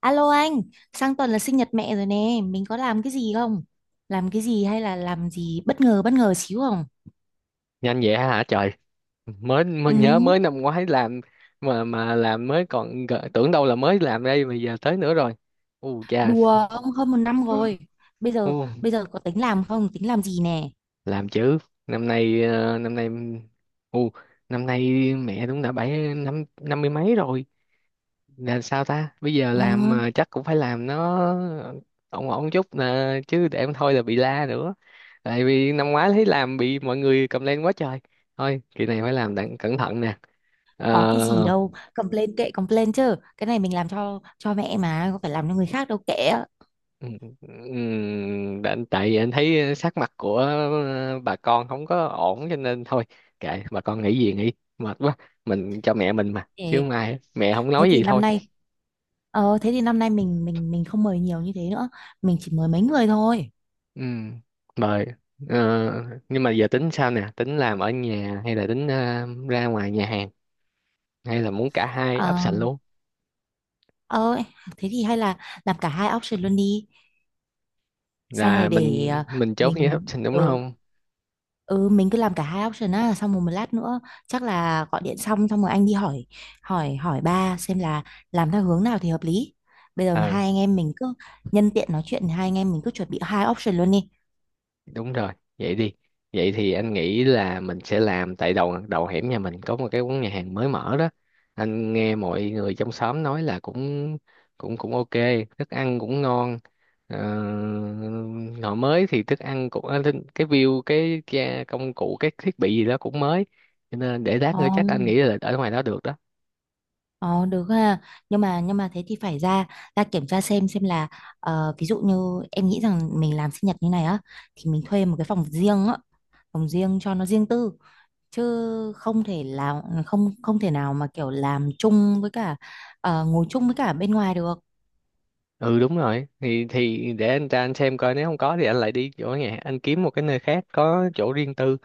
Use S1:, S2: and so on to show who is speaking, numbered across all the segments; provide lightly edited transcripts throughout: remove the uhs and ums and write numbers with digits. S1: Alo anh, sang tuần là sinh nhật mẹ rồi nè, mình có làm cái gì không? Làm cái gì hay là làm gì bất ngờ xíu không?
S2: Nhanh vậy hả trời. Mới nhớ
S1: Ừ,
S2: mới năm ngoái làm, mà làm mới còn tưởng đâu là mới làm đây mà giờ tới nữa rồi. U chà.
S1: đùa ông hơn một năm rồi. Bây giờ
S2: U.
S1: bây giờ có tính làm không? Tính làm gì nè?
S2: Làm chứ. Năm nay, năm nay, u năm nay mẹ đúng đã bảy năm năm mươi mấy rồi, là sao ta? Bây giờ làm
S1: Ừ,
S2: mà chắc cũng phải làm nó ổn ổn chút nè, chứ để không thôi là bị la nữa. Tại vì năm ngoái thấy làm bị mọi người cầm lên quá trời, thôi kỳ này phải làm đặng cẩn thận nè.
S1: có cái gì
S2: Ờ.
S1: đâu, complain kệ complain chứ. Cái này mình làm cho mẹ mà, có phải làm cho người khác đâu kệ.
S2: Ừ, ừ, tại vì anh thấy sắc mặt của bà con không có ổn, cho nên thôi kệ bà con nghĩ gì nghĩ, mệt quá. Mình cho mẹ mình mà, chứ
S1: Thế,
S2: không ai, mẹ không
S1: thế
S2: nói
S1: thì
S2: gì
S1: năm
S2: thôi.
S1: nay thế thì năm nay mình không mời nhiều như thế nữa, mình chỉ mời mấy người thôi.
S2: Ừ, mời. Ờ, nhưng mà giờ tính sao nè, tính làm ở nhà hay là tính ra ngoài nhà hàng, hay là muốn cả hai
S1: Ờ
S2: option luôn?
S1: ờ Thế thì hay là làm cả hai option luôn đi. Xong
S2: Là
S1: rồi để
S2: mình mình chốt với
S1: mình
S2: option, đúng không?
S1: ừ mình cứ làm cả hai option á, xong rồi một lát nữa chắc là gọi điện xong xong rồi anh đi hỏi hỏi hỏi ba xem là làm theo hướng nào thì hợp lý. Bây giờ hai
S2: Ờ,
S1: anh em mình cứ nhân tiện nói chuyện, hai anh em mình cứ chuẩn bị hai option luôn đi.
S2: đúng rồi, vậy đi. Vậy thì anh nghĩ là mình sẽ làm tại đầu đầu hẻm nhà mình có một cái quán nhà hàng mới mở đó. Anh nghe mọi người trong xóm nói là cũng cũng cũng ok, thức ăn cũng ngon. ờ, Ngõ mới thì thức ăn cũng cái view, cái công cụ cái thiết bị gì đó cũng mới, cho nên để lát
S1: Ồ.
S2: nữa chắc anh nghĩ là ở ngoài đó được đó.
S1: Ờ được ha. Nhưng mà thế thì phải ra, ra kiểm tra xem là ví dụ như em nghĩ rằng mình làm sinh nhật như này á, thì mình thuê một cái phòng riêng á, phòng riêng cho nó riêng tư, chứ không thể là không không thể nào mà kiểu làm chung với cả ngồi chung với cả bên ngoài được.
S2: Ừ đúng rồi, thì để anh ra anh xem coi, nếu không có thì anh lại đi chỗ nhà anh kiếm một cái nơi khác có chỗ riêng tư.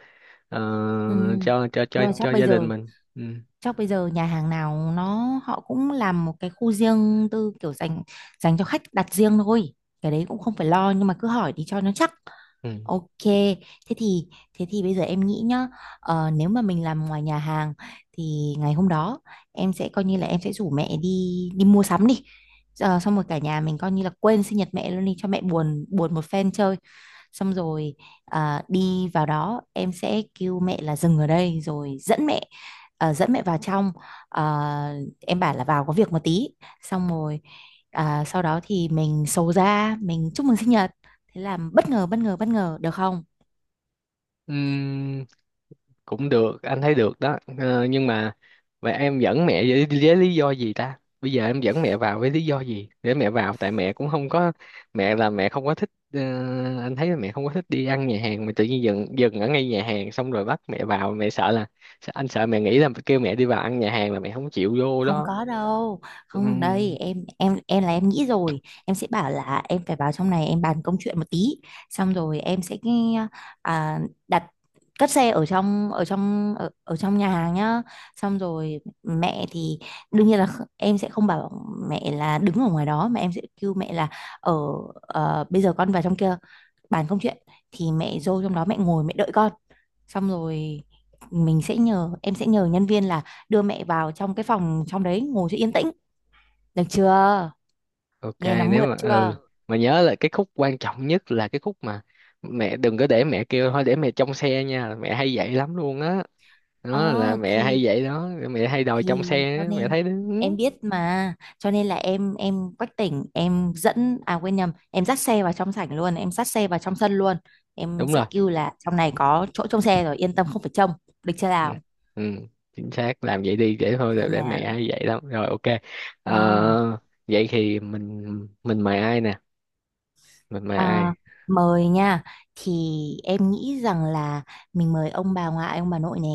S2: Ờ,
S1: Ừ.
S2: cho cho cho
S1: Nhưng mà chắc
S2: cho
S1: bây
S2: gia đình
S1: giờ
S2: mình, ừ.
S1: chắc bây giờ nhà hàng nào nó họ cũng làm một cái khu riêng tư kiểu dành dành cho khách đặt riêng thôi. Cái đấy cũng không phải lo nhưng mà cứ hỏi đi cho nó chắc.
S2: Ừ.
S1: Ok, thế thì thế thì bây giờ em nghĩ nhá, nếu mà mình làm ngoài nhà hàng thì ngày hôm đó em sẽ coi như là em sẽ rủ mẹ đi đi mua sắm đi. Ờ, xong rồi cả nhà mình coi như là quên sinh nhật mẹ luôn đi, cho mẹ buồn buồn một phen chơi, xong rồi à, đi vào đó em sẽ kêu mẹ là dừng ở đây rồi dẫn mẹ à, dẫn mẹ vào trong. À, em bảo là vào có việc một tí, xong rồi à, sau đó thì mình sầu ra mình chúc mừng sinh nhật, thế là bất ngờ bất ngờ bất ngờ, được không?
S2: Ừm, cũng được, anh thấy được đó. Ờ, nhưng mà vậy em dẫn mẹ với lý do gì ta? Bây giờ em dẫn mẹ vào với lý do gì để mẹ vào? Tại mẹ cũng không có, mẹ là mẹ không có thích, anh thấy là mẹ không có thích đi ăn nhà hàng, mà tự nhiên dừng dừng ở ngay nhà hàng xong rồi bắt mẹ vào, mẹ sợ là, anh sợ mẹ nghĩ là kêu mẹ đi vào ăn nhà hàng là mẹ không chịu vô
S1: Không
S2: đó.
S1: có đâu, không đây
S2: Ừm,
S1: em là em nghĩ rồi, em sẽ bảo là em phải vào trong này em bàn công chuyện một tí, xong rồi em sẽ à, đặt cất xe ở trong nhà hàng nhá. Xong rồi mẹ thì đương nhiên là em sẽ không bảo mẹ là đứng ở ngoài đó mà em sẽ kêu mẹ là ở bây giờ con vào trong kia bàn công chuyện, thì mẹ vô trong đó mẹ ngồi mẹ đợi con, xong rồi mình sẽ nhờ em sẽ nhờ nhân viên là đưa mẹ vào trong cái phòng trong đấy ngồi cho yên tĩnh, được chưa,
S2: ok.
S1: nghe nó
S2: Nếu
S1: mượt
S2: mà
S1: chưa.
S2: ừ, mà nhớ là cái khúc quan trọng nhất là cái khúc mà mẹ đừng có, để mẹ kêu thôi để mẹ trong xe nha, mẹ hay vậy lắm luôn á. Đó, là
S1: Ờ
S2: mẹ hay vậy đó, mẹ hay đòi trong
S1: thì
S2: xe
S1: cho
S2: á, mẹ
S1: nên
S2: thấy đúng.
S1: em biết mà cho nên là quách tỉnh em dẫn à quên nhầm em dắt xe vào trong sảnh luôn em dắt xe vào trong sân luôn, em
S2: Đúng
S1: sẽ
S2: rồi.
S1: kêu là trong này có chỗ trông xe rồi, yên tâm không phải trông, được chưa
S2: Ừ.
S1: nào.
S2: Ừ, chính xác làm vậy đi, để thôi
S1: Thiên
S2: để mẹ
S1: nào,
S2: hay vậy lắm rồi, ok.
S1: ừ.
S2: Ờ, vậy thì mình mời ai nè, mình mời ai?
S1: Ờ, mời nha, thì em nghĩ rằng là mình mời ông bà ngoại ông bà nội nè,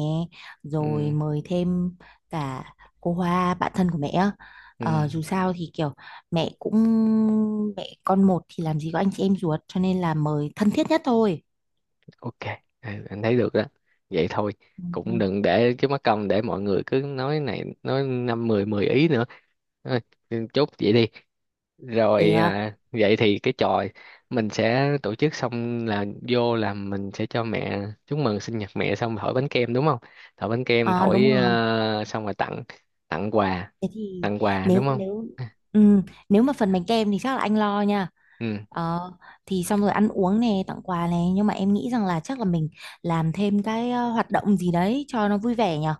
S2: Ừ.
S1: rồi mời thêm cả cô Hoa bạn thân của mẹ á.
S2: Ừ.
S1: Ờ, dù sao thì kiểu mẹ cũng mẹ con một thì làm gì có anh chị em ruột, cho nên là mời thân thiết nhất thôi.
S2: Ok, ừ, anh thấy được đó, vậy thôi. Cũng
S1: Ừ.
S2: đừng để cái mắc công, để mọi người cứ nói này nói năm mười mười ý nữa. Thôi, chốt vậy đi. Rồi
S1: Được.
S2: à, vậy thì cái trò mình sẽ tổ chức xong là vô, là mình sẽ cho mẹ chúc mừng sinh nhật mẹ xong thổi bánh kem, đúng không? Thổi bánh kem
S1: Ờ, đúng
S2: thổi,
S1: rồi.
S2: à, xong rồi tặng, tặng quà,
S1: Thế thì
S2: tặng quà đúng
S1: nếu
S2: không?
S1: nếu ừm, nếu mà phần bánh kem thì chắc là anh lo nha.
S2: Ừ.
S1: Ờ, thì xong rồi ăn uống này, tặng quà này, nhưng mà em nghĩ rằng là chắc là mình làm thêm cái hoạt động gì đấy cho nó vui vẻ nhở.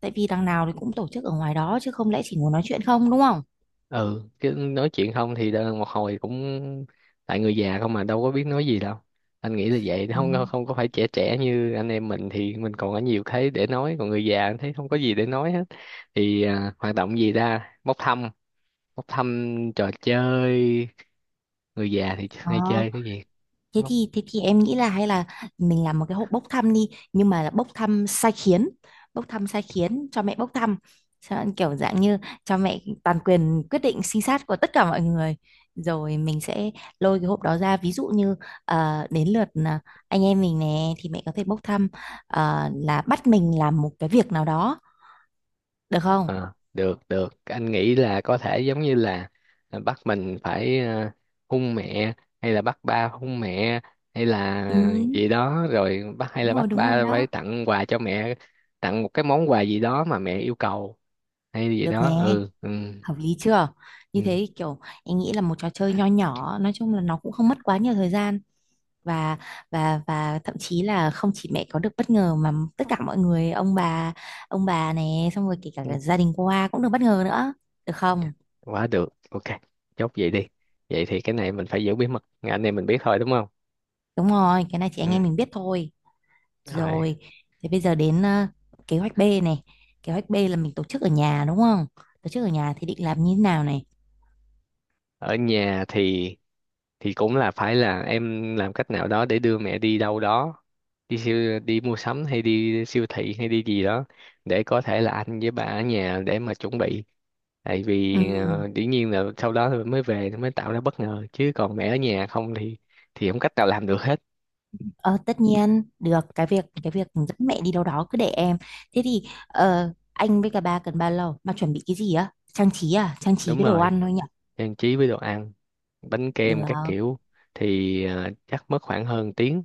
S1: Tại vì đằng nào thì cũng tổ chức ở ngoài đó, chứ không lẽ chỉ ngồi nói chuyện không đúng không?
S2: ừ Cứ nói chuyện không thì một hồi cũng, tại người già không mà đâu có biết nói gì đâu. Anh nghĩ là vậy,
S1: Ừ.
S2: không không có phải trẻ trẻ như anh em mình thì mình còn có nhiều thế để nói, còn người già anh thấy không có gì để nói hết. Thì à, hoạt động gì ra bốc thăm, bốc thăm trò chơi. Người già thì
S1: Ờ.
S2: hay chơi cái gì?
S1: Thế thì em nghĩ là hay là mình làm một cái hộp bốc thăm đi, nhưng mà là bốc thăm sai khiến, cho mẹ bốc thăm. Kiểu dạng như cho mẹ toàn quyền quyết định sinh sát của tất cả mọi người, rồi mình sẽ lôi cái hộp đó ra, ví dụ như đến lượt anh em mình nè thì mẹ có thể bốc thăm là bắt mình làm một cái việc nào đó, được không?
S2: Ờ, được, được, anh nghĩ là có thể giống như là à, bắt mình phải hung mẹ, hay là bắt ba hung mẹ, hay là
S1: Ừ,
S2: gì đó rồi bắt, hay là bắt
S1: đúng rồi
S2: ba phải
S1: đó,
S2: tặng quà cho mẹ, tặng một cái món quà gì đó mà mẹ yêu cầu, hay gì
S1: được nè,
S2: đó. Ừ, ừ,
S1: hợp lý chưa. Như thế
S2: ừ,
S1: thì kiểu em nghĩ là một trò chơi nho nhỏ, nói chung là nó cũng không mất quá nhiều thời gian, và thậm chí là không chỉ mẹ có được bất ngờ mà tất cả mọi người, ông bà này, xong rồi kể cả
S2: ừ.
S1: gia đình qua cũng được bất ngờ nữa, được không.
S2: Quá được, ok, chốt vậy đi. Vậy thì cái này mình phải giữ bí mật, anh em mình biết thôi đúng không?
S1: Đúng rồi, cái này chị anh
S2: Ừ.
S1: em mình biết thôi.
S2: Rồi.
S1: Rồi, thế bây giờ đến kế hoạch B này, kế hoạch B là mình tổ chức ở nhà đúng không, tổ chức ở nhà thì định làm như thế nào này.
S2: Ở nhà thì cũng là phải là em làm cách nào đó để đưa mẹ đi đâu đó, đi siêu, đi mua sắm hay đi siêu thị hay đi gì đó, để có thể là anh với bà ở nhà để mà chuẩn bị. Tại vì
S1: Ừ.
S2: dĩ nhiên là sau đó thì mới về thì mới tạo ra bất ngờ, chứ còn mẹ ở nhà không thì không cách nào làm được hết.
S1: Ờ, tất nhiên được, cái việc dẫn mẹ đi đâu đó cứ để em. Thế thì anh với cả ba cần bao lâu mà chuẩn bị cái gì á, trang trí trang trí
S2: Đúng
S1: với đồ
S2: rồi,
S1: ăn thôi nhỉ.
S2: trang trí với đồ ăn, bánh
S1: Được,
S2: kem các kiểu. Thì chắc mất khoảng hơn tiếng,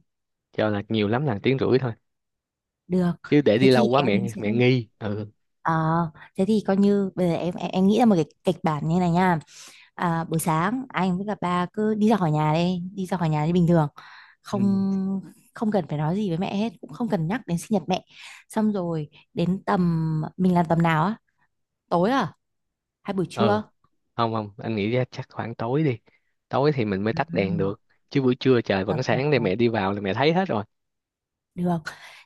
S2: cho là nhiều lắm là tiếng rưỡi thôi,
S1: được,
S2: chứ để
S1: thế
S2: đi lâu
S1: thì
S2: quá
S1: em
S2: mẹ
S1: sẽ
S2: mẹ nghi. Ừ.
S1: ờ, thế thì coi như bây giờ em nghĩ ra một cái kịch bản như này nha. À, buổi sáng anh với cả ba cứ đi ra khỏi nhà, đi đi ra khỏi nhà như bình thường, không không cần phải nói gì với mẹ hết, cũng không cần nhắc đến sinh nhật mẹ. Xong rồi đến tầm, mình làm tầm nào á, tối à hay buổi
S2: Ừ
S1: trưa.
S2: không không, anh nghĩ ra chắc khoảng tối đi, tối thì mình mới
S1: Ừ.
S2: tắt đèn được, chứ buổi trưa trời
S1: Được,
S2: vẫn
S1: được,
S2: sáng, để
S1: được.
S2: mẹ đi vào là mẹ thấy hết rồi.
S1: Được.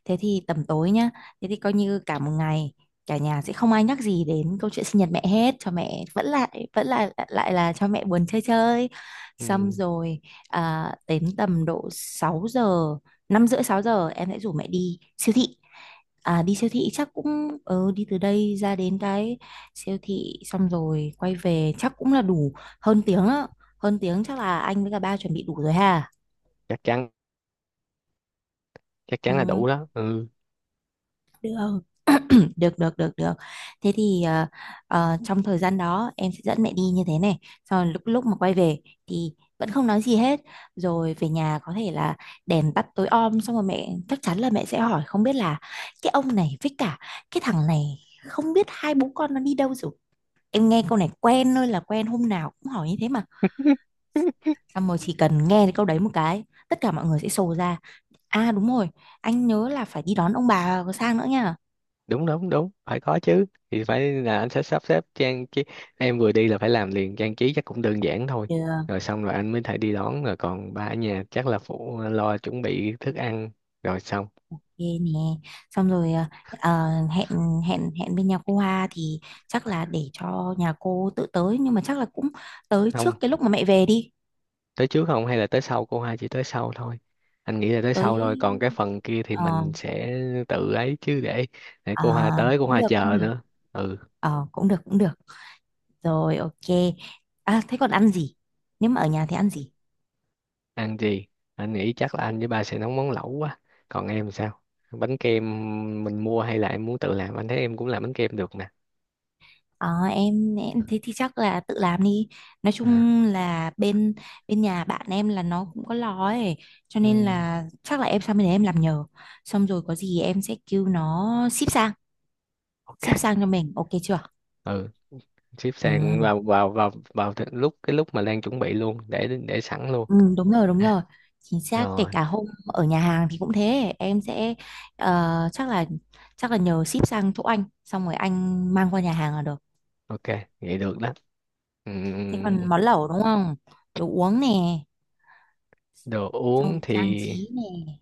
S1: Thế thì tầm tối nhá. Thế thì coi như cả một ngày cả nhà sẽ không ai nhắc gì đến câu chuyện sinh nhật mẹ hết, cho mẹ vẫn lại lại là cho mẹ buồn chơi chơi. Xong
S2: Ừ,
S1: rồi à, đến tầm độ 6 giờ, 5 rưỡi 6 giờ em sẽ rủ mẹ đi siêu thị. À, đi siêu thị chắc cũng ừ, đi từ đây ra đến cái siêu thị xong rồi quay về chắc cũng là đủ hơn tiếng á. Hơn tiếng chắc là anh với cả ba chuẩn bị đủ rồi ha.
S2: chắc chắn, chắc chắn là
S1: Ừ.
S2: đủ đó, ừ.
S1: Được. Được được được được. Thế thì trong thời gian đó em sẽ dẫn mẹ đi như thế này. Sau lúc lúc mà quay về thì vẫn không nói gì hết. Rồi về nhà có thể là đèn tắt tối om, xong rồi mẹ chắc chắn là mẹ sẽ hỏi không biết là cái ông này với cả cái thằng này, không biết hai bố con nó đi đâu rồi. Em nghe câu này quen thôi là quen, hôm nào cũng hỏi như thế mà. Xong rồi chỉ cần nghe cái câu đấy một cái, tất cả mọi người sẽ sồ ra. À đúng rồi, anh nhớ là phải đi đón ông bà sang nữa nha.
S2: Đúng đúng đúng, phải có chứ, thì phải là anh sẽ sắp xếp trang trí. Em vừa đi là phải làm liền, trang trí chắc cũng đơn giản thôi.
S1: Được.
S2: Rồi xong rồi anh mới thể đi đón, rồi còn ba ở nhà chắc là phụ lo chuẩn bị thức ăn, rồi xong.
S1: Ok nè, xong rồi hẹn hẹn hẹn bên nhà cô Hoa thì chắc là để cho nhà cô tự tới, nhưng mà chắc là cũng tới
S2: Không,
S1: trước cái lúc mà mẹ về đi.
S2: tới trước không hay là tới sau? Cô hai chỉ tới sau thôi, anh nghĩ là tới sau thôi, còn
S1: Tới
S2: cái phần kia thì
S1: ờ,
S2: mình sẽ tự ấy, chứ để
S1: ờ,
S2: cô Hoa tới cô
S1: cũng
S2: Hoa
S1: được cũng
S2: chờ
S1: được.
S2: nữa. Ừ.
S1: Ờ, cũng được. Rồi ok, à, thế còn ăn gì, nếu mà ở nhà thì ăn gì.
S2: Ăn gì? Anh nghĩ chắc là anh với ba sẽ nấu món lẩu quá. Còn em sao, bánh kem mình mua hay là em muốn tự làm? Anh thấy em cũng làm bánh kem được nè.
S1: Ờ, thế thì chắc là tự làm đi, nói
S2: À,
S1: chung là bên bên nhà bạn em là nó cũng có lò ấy, cho nên
S2: ừm,
S1: là chắc là em sang bên đấy em làm nhờ, xong rồi có gì em sẽ kêu nó ship sang,
S2: ok,
S1: ship sang cho mình ok chưa.
S2: ừ, ship sang
S1: Ừ.
S2: vào vào vào vào th- lúc lúc mà Lan chuẩn bị luôn, để sẵn luôn.
S1: Đúng
S2: À.
S1: rồi, chính xác. Kể
S2: Rồi
S1: cả hôm ở nhà hàng thì cũng thế, em sẽ ờ, chắc là chắc là nhờ ship sang chỗ anh, xong rồi anh mang qua nhà hàng là được.
S2: ok, vậy được đó.
S1: Thế
S2: Ừm,
S1: còn món lẩu đúng không, đồ uống nè,
S2: đồ
S1: xong
S2: uống
S1: rồi
S2: thì,
S1: trang trí nè.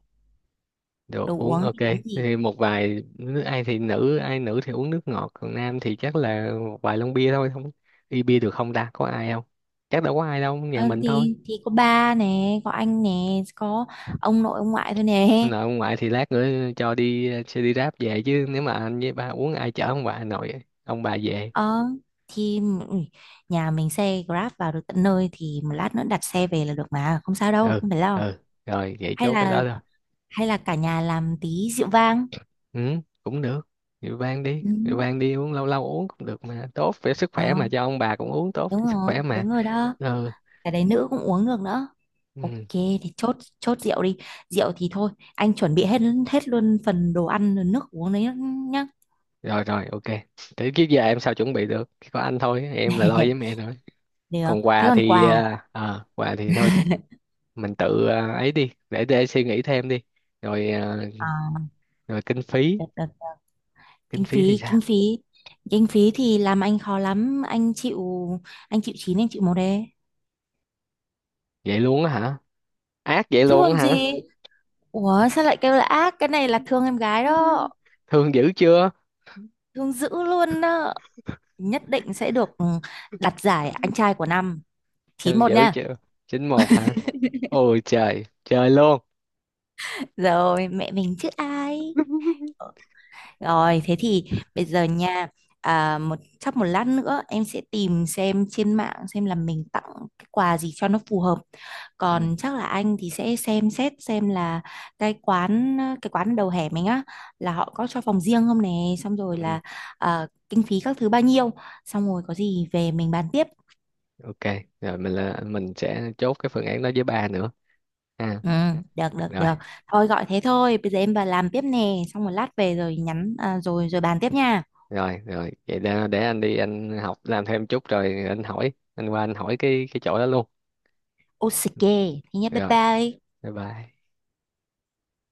S2: đồ
S1: Đồ
S2: uống
S1: uống
S2: ok,
S1: thì uống gì.
S2: thì một vài nước, ai thì nữ, ai nữ thì uống nước ngọt, còn nam thì chắc là một vài lon bia thôi. Không, đi bia được không ta, có ai không? Chắc đâu có ai đâu, nhà
S1: Ờ,
S2: mình thôi.
S1: thì có ba nè, có anh nè, có ông nội ông ngoại thôi nè.
S2: Nội ông ngoại thì lát nữa cho đi xe đi Grab về, chứ nếu mà anh với ba uống ai chở ông bà nội ông bà về?
S1: Ờ thì ui, nhà mình xe Grab vào được tận nơi, thì một lát nữa đặt xe về là được mà, không sao đâu,
S2: Ừ,
S1: không phải lo.
S2: ừ, rồi vậy
S1: hay
S2: chốt cái đó
S1: là
S2: rồi.
S1: hay là cả nhà làm tí rượu vang.
S2: Ừ, cũng được, rượu vang đi,
S1: Ừ.
S2: rượu vang đi, uống lâu lâu uống cũng được mà, tốt về sức
S1: Ờ,
S2: khỏe mà, cho ông bà cũng uống tốt cho sức khỏe mà.
S1: đúng rồi đó,
S2: Ừ.
S1: cái đấy nữ cũng uống được nữa. Ok
S2: Ừ.
S1: thì chốt chốt rượu đi, rượu thì thôi anh chuẩn bị hết, hết luôn phần đồ ăn rồi nước uống đấy nhá.
S2: Rồi rồi ok. Thế kiếp giờ em sao chuẩn bị được, chỉ có anh thôi, em là lo với mẹ thôi.
S1: Được,
S2: Còn
S1: thế
S2: quà
S1: còn
S2: thì
S1: quà.
S2: à, à, quà thì thôi mình tự à, ấy đi, để suy nghĩ thêm đi. Rồi à.
S1: À,
S2: Rồi kinh phí,
S1: được, được, được.
S2: kinh
S1: Kinh
S2: phí thì
S1: phí,
S2: sao?
S1: kinh phí thì làm anh khó lắm, anh chịu, anh chịu chín anh chịu một đấy.
S2: Vậy luôn á hả? Ác vậy
S1: Chứ
S2: luôn á
S1: còn
S2: hả?
S1: gì, ủa sao lại kêu là ác, cái này là thương em gái đó,
S2: Thương dữ chưa?
S1: thương dữ luôn đó, nhất định sẽ được ừ, đặt giải anh trai của năm, chín
S2: Thương
S1: một
S2: dữ
S1: nha.
S2: chưa? Chín một hả? Ôi trời trời luôn.
S1: Rồi mẹ mình chứ ai. Rồi thế thì bây giờ nha, à, một chắc một lát nữa em sẽ tìm xem trên mạng xem là mình tặng cái quà gì cho nó phù hợp.
S2: Ừ,
S1: Còn chắc là anh thì sẽ xem xét xem là cái quán đầu hẻm mình á, là họ có cho phòng riêng không nè, xong rồi
S2: ừ,
S1: là à, kinh phí các thứ bao nhiêu, xong rồi có gì về mình bàn tiếp.
S2: ok. Rồi mình là mình sẽ chốt cái phương án đó với ba nữa, ha?
S1: Ừ, được được
S2: Rồi
S1: được. Thôi gọi thế thôi, bây giờ em vào làm tiếp nè, xong một lát về rồi nhắn à, rồi rồi bàn tiếp nha.
S2: rồi. Rồi vậy để anh đi anh học làm thêm chút, rồi anh hỏi, anh qua anh hỏi cái chỗ đó luôn.
S1: Ok, thế nhé, bye
S2: Rồi,
S1: bye.
S2: bye bye.